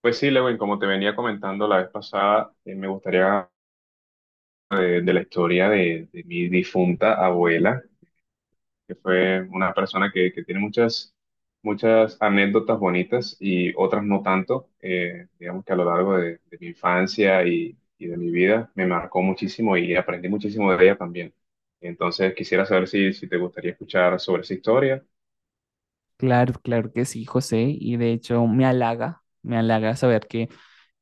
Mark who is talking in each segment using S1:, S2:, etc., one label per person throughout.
S1: Pues sí, Lewin, como te venía comentando la vez pasada, me gustaría la historia de mi difunta abuela, que fue una persona que tiene muchas anécdotas bonitas y otras no tanto. Digamos que a lo largo de mi infancia y de mi vida me marcó muchísimo y aprendí muchísimo de ella también. Entonces quisiera saber si te gustaría escuchar sobre esa historia.
S2: Claro, claro que sí, José, y de hecho me halaga saber que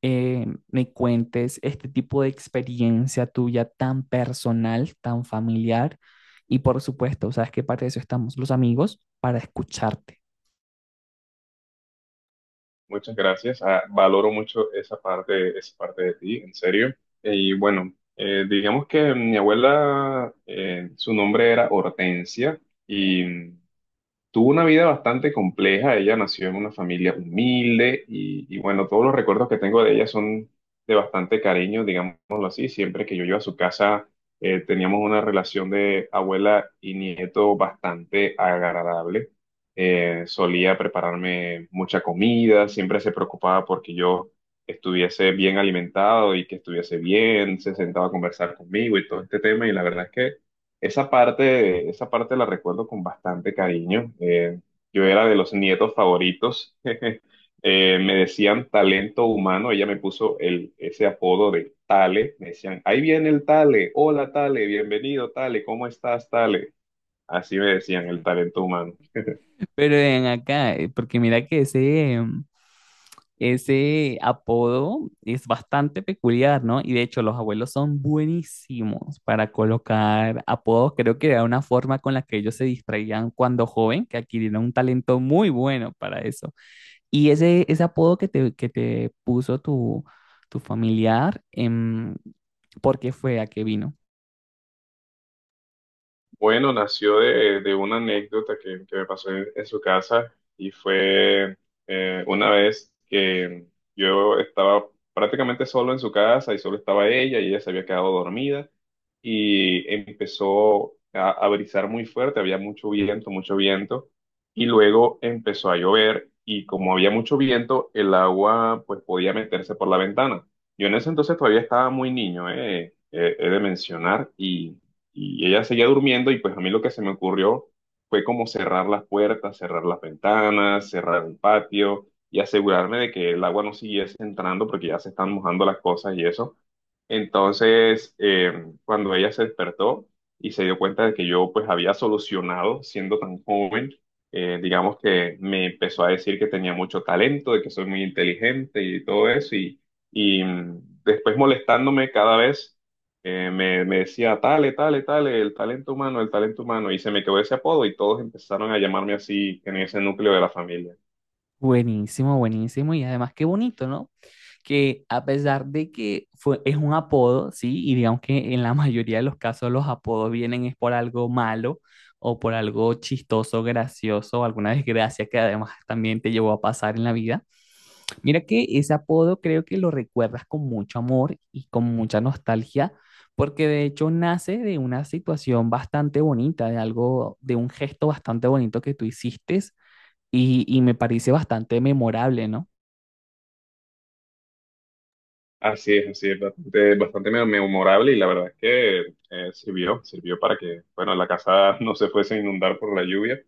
S2: me cuentes este tipo de experiencia tuya tan personal, tan familiar, y por supuesto, sabes que para eso estamos los amigos, para escucharte.
S1: Muchas gracias. Ah, valoro mucho esa parte de ti, en serio. Y bueno, digamos que mi abuela, su nombre era Hortensia y tuvo una vida bastante compleja. Ella nació en una familia humilde y bueno, todos los recuerdos que tengo de ella son de bastante cariño, digámoslo así. Siempre que yo iba a su casa, teníamos una relación de abuela y nieto bastante agradable. Solía prepararme mucha comida, siempre se preocupaba porque yo estuviese bien alimentado y que estuviese bien, se sentaba a conversar conmigo y todo este tema, y la verdad es que esa parte, esa parte la recuerdo con bastante cariño. Yo era de los nietos favoritos. Me decían talento humano. Ella me puso ese apodo de Tale. Me decían, ahí viene el Tale. Hola Tale, bienvenido Tale. ¿Cómo estás, Tale? Así me decían, el talento humano.
S2: Pero ven acá, porque mira que ese, ese apodo es bastante peculiar, ¿no? Y de hecho los abuelos son buenísimos para colocar apodos. Creo que era una forma con la que ellos se distraían cuando joven, que adquirieron un talento muy bueno para eso. Y ese apodo que te puso tu, tu familiar, ¿por qué fue? ¿A qué vino?
S1: Bueno, nació de una anécdota que me pasó en su casa y fue, una vez que yo estaba prácticamente solo en su casa y solo estaba ella, y ella se había quedado dormida y empezó a brisar muy fuerte, había mucho viento, mucho viento, y luego empezó a llover, y como había mucho viento, el agua pues podía meterse por la ventana. Yo en ese entonces todavía estaba muy niño, he de mencionar, y ella seguía durmiendo, y pues a mí lo que se me ocurrió fue como cerrar las puertas, cerrar las ventanas, cerrar el patio y asegurarme de que el agua no siguiese entrando porque ya se están mojando las cosas y eso. Entonces, cuando ella se despertó y se dio cuenta de que yo pues había solucionado siendo tan joven, digamos que me empezó a decir que tenía mucho talento, de que soy muy inteligente y todo eso, y después molestándome cada vez, me decía, tale, tale, tale, el talento humano, y se me quedó ese apodo y todos empezaron a llamarme así en ese núcleo de la familia.
S2: Buenísimo, buenísimo. Y además qué bonito, ¿no? Que a pesar de que fue, es un apodo, ¿sí? Y digamos que en la mayoría de los casos los apodos vienen es por algo malo o por algo chistoso, gracioso, o alguna desgracia que además también te llevó a pasar en la vida. Mira que ese apodo creo que lo recuerdas con mucho amor y con mucha nostalgia, porque de hecho nace de una situación bastante bonita, de algo, de un gesto bastante bonito que tú hiciste y me parece bastante memorable, ¿no?
S1: Así es, bastante, bastante memorable, y la verdad es que, sirvió, sirvió para que, bueno, la casa no se fuese a inundar por la lluvia.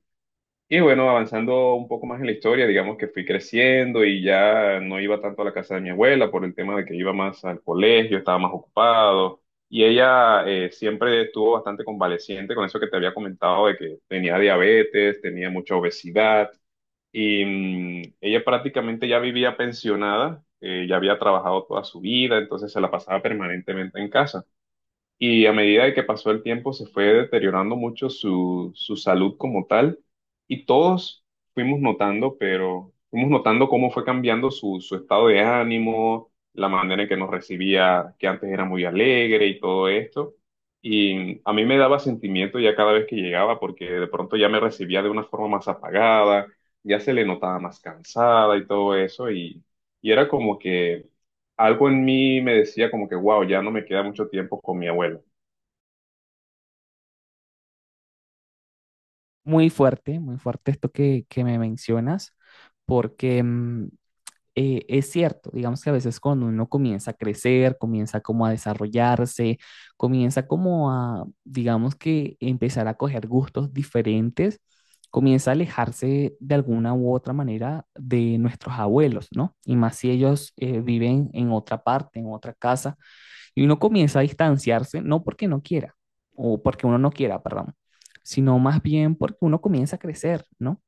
S1: Y bueno, avanzando un poco más en la historia, digamos que fui creciendo y ya no iba tanto a la casa de mi abuela por el tema de que iba más al colegio, estaba más ocupado, y ella siempre estuvo bastante convaleciente con eso que te había comentado de que tenía diabetes, tenía mucha obesidad. Ella prácticamente ya vivía pensionada, ya había trabajado toda su vida, entonces se la pasaba permanentemente en casa, y a medida de que pasó el tiempo se fue deteriorando mucho su salud como tal, y todos fuimos notando, pero fuimos notando cómo fue cambiando su estado de ánimo, la manera en que nos recibía, que antes era muy alegre y todo esto. Y a mí me daba sentimiento ya cada vez que llegaba porque de pronto ya me recibía de una forma más apagada, ya se le notaba más cansada y todo eso, y era como que algo en mí me decía como que, wow, ya no me queda mucho tiempo con mi abuela.
S2: Muy fuerte esto que me mencionas, porque es cierto, digamos que a veces cuando uno comienza a crecer, comienza como a desarrollarse, comienza como a, digamos que empezar a coger gustos diferentes, comienza a alejarse de alguna u otra manera de nuestros abuelos, ¿no? Y más si ellos viven en otra parte, en otra casa y uno comienza a distanciarse, no porque no quiera, o porque uno no quiera, perdón, sino más bien porque uno comienza a crecer, ¿no?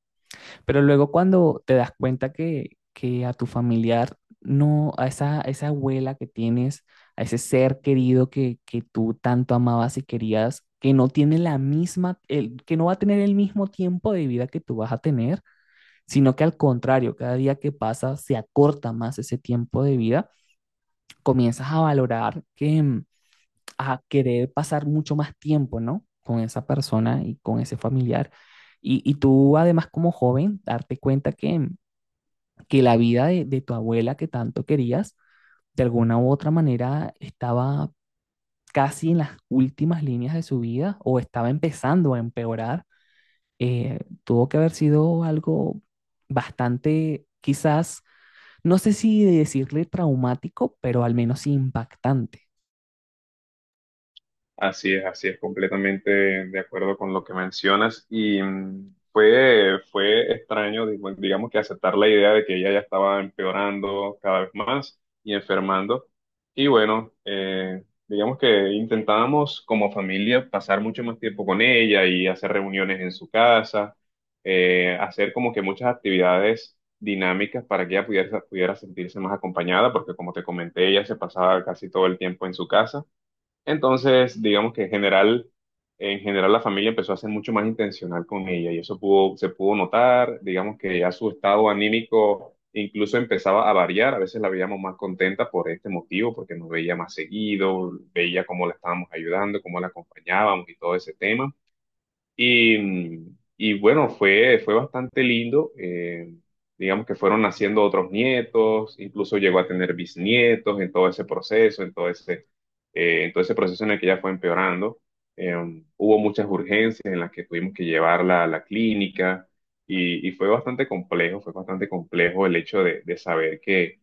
S2: Pero luego cuando te das cuenta que a tu familiar, no, a esa abuela que tienes, a ese ser querido que tú tanto amabas y querías, que no tiene la misma, el, que no va a tener el mismo tiempo de vida que tú vas a tener, sino que al contrario, cada día que pasa se acorta más ese tiempo de vida, comienzas a valorar que, a querer pasar mucho más tiempo, ¿no? Con esa persona y con ese familiar. Y tú además como joven, darte cuenta que la vida de tu abuela que tanto querías, de alguna u otra manera estaba casi en las últimas líneas de su vida o estaba empezando a empeorar, tuvo que haber sido algo bastante, quizás, no sé si decirle traumático, pero al menos impactante.
S1: Así es, completamente de acuerdo con lo que mencionas. Fue extraño, digo, digamos que aceptar la idea de que ella ya estaba empeorando cada vez más y enfermando. Y bueno, digamos que intentábamos como familia pasar mucho más tiempo con ella y hacer reuniones en su casa, hacer como que muchas actividades dinámicas para que ella pudiera sentirse más acompañada, porque como te comenté, ella se pasaba casi todo el tiempo en su casa. Entonces, digamos que en general la familia empezó a ser mucho más intencional con ella, y eso pudo, se pudo notar, digamos que ya su estado anímico incluso empezaba a variar, a veces la veíamos más contenta por este motivo, porque nos veía más seguido, veía cómo la estábamos ayudando, cómo la acompañábamos y todo ese tema. Y bueno, fue, fue bastante lindo. Digamos que fueron naciendo otros nietos, incluso llegó a tener bisnietos en todo ese proceso, en todo ese proceso en el que ella fue empeorando. Eh, Hubo muchas urgencias en las que tuvimos que llevarla a la clínica, y fue bastante complejo el hecho de saber que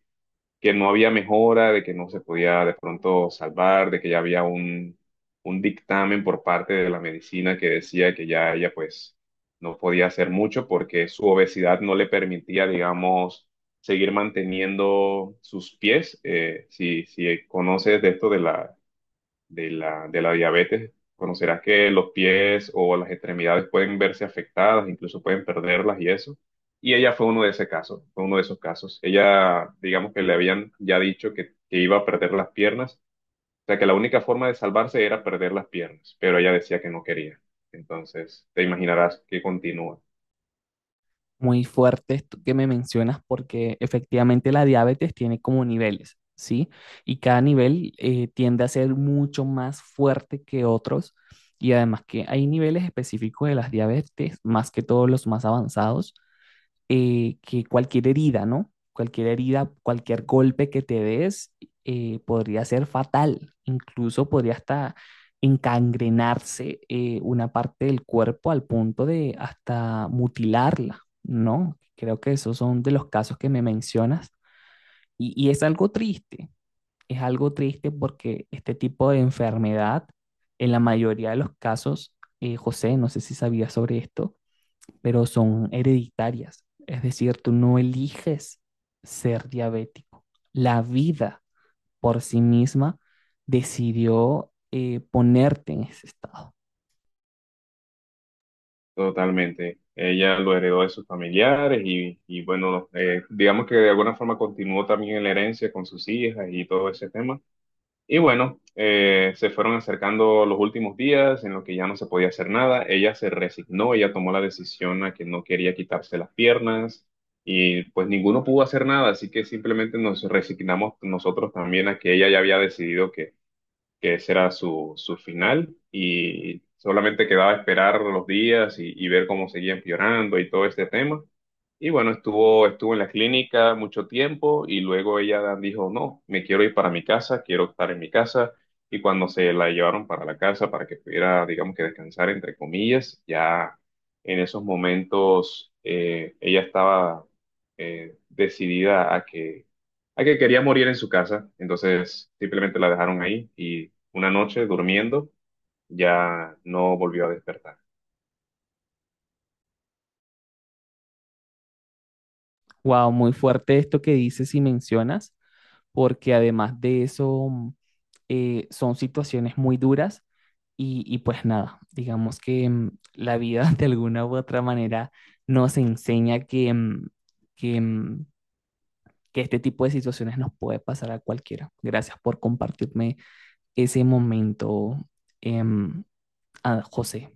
S1: no había mejora, de que no se podía de pronto salvar, de que ya había un dictamen por parte de la medicina que decía que ya ella pues no podía hacer mucho porque su obesidad no le permitía, digamos, seguir manteniendo sus pies. Si conoces de esto de la diabetes, conocerás que los pies o las extremidades pueden verse afectadas, incluso pueden perderlas y eso. Y ella fue uno de ese caso, fue uno de esos casos. Ella, digamos que le habían ya dicho que iba a perder las piernas, o sea que la única forma de salvarse era perder las piernas, pero ella decía que no quería. Entonces, te imaginarás que continúa.
S2: Muy fuerte esto que me mencionas porque efectivamente la diabetes tiene como niveles, ¿sí? Y cada nivel tiende a ser mucho más fuerte que otros y además que hay niveles específicos de las diabetes, más que todos los más avanzados, que cualquier herida, ¿no? Cualquier herida, cualquier golpe que te des podría ser fatal, incluso podría hasta encangrenarse una parte del cuerpo al punto de hasta mutilarla, ¿no? Creo que esos son de los casos que me mencionas y es algo triste porque este tipo de enfermedad, en la mayoría de los casos, José, no sé si sabías sobre esto, pero son hereditarias. Es decir, tú no eliges ser diabético. La vida por sí misma decidió ponerte en ese estado.
S1: Totalmente. Ella lo heredó de sus familiares, y bueno, digamos que de alguna forma continuó también en la herencia con sus hijas y todo ese tema. Y bueno, se fueron acercando los últimos días en los que ya no se podía hacer nada. Ella se resignó, ella tomó la decisión a que no quería quitarse las piernas, y pues ninguno pudo hacer nada, así que simplemente nos resignamos nosotros también a que ella ya había decidido que ese era su final, y solamente quedaba esperar los días y ver cómo seguían empeorando y todo este tema. Y bueno, estuvo, estuvo en la clínica mucho tiempo, y luego ella dijo, no, me quiero ir para mi casa, quiero estar en mi casa. Y cuando se la llevaron para la casa para que pudiera, digamos que descansar, entre comillas, ya en esos momentos ella estaba decidida a que quería morir en su casa. Entonces simplemente la dejaron ahí, y una noche, durmiendo, ya no volvió a despertar.
S2: Wow, muy fuerte esto que dices y mencionas, porque además de eso son situaciones muy duras y pues nada, digamos que la vida de alguna u otra manera nos enseña que, que mm, que este tipo de situaciones nos puede pasar a cualquiera. Gracias por compartirme ese momento, eh, a José.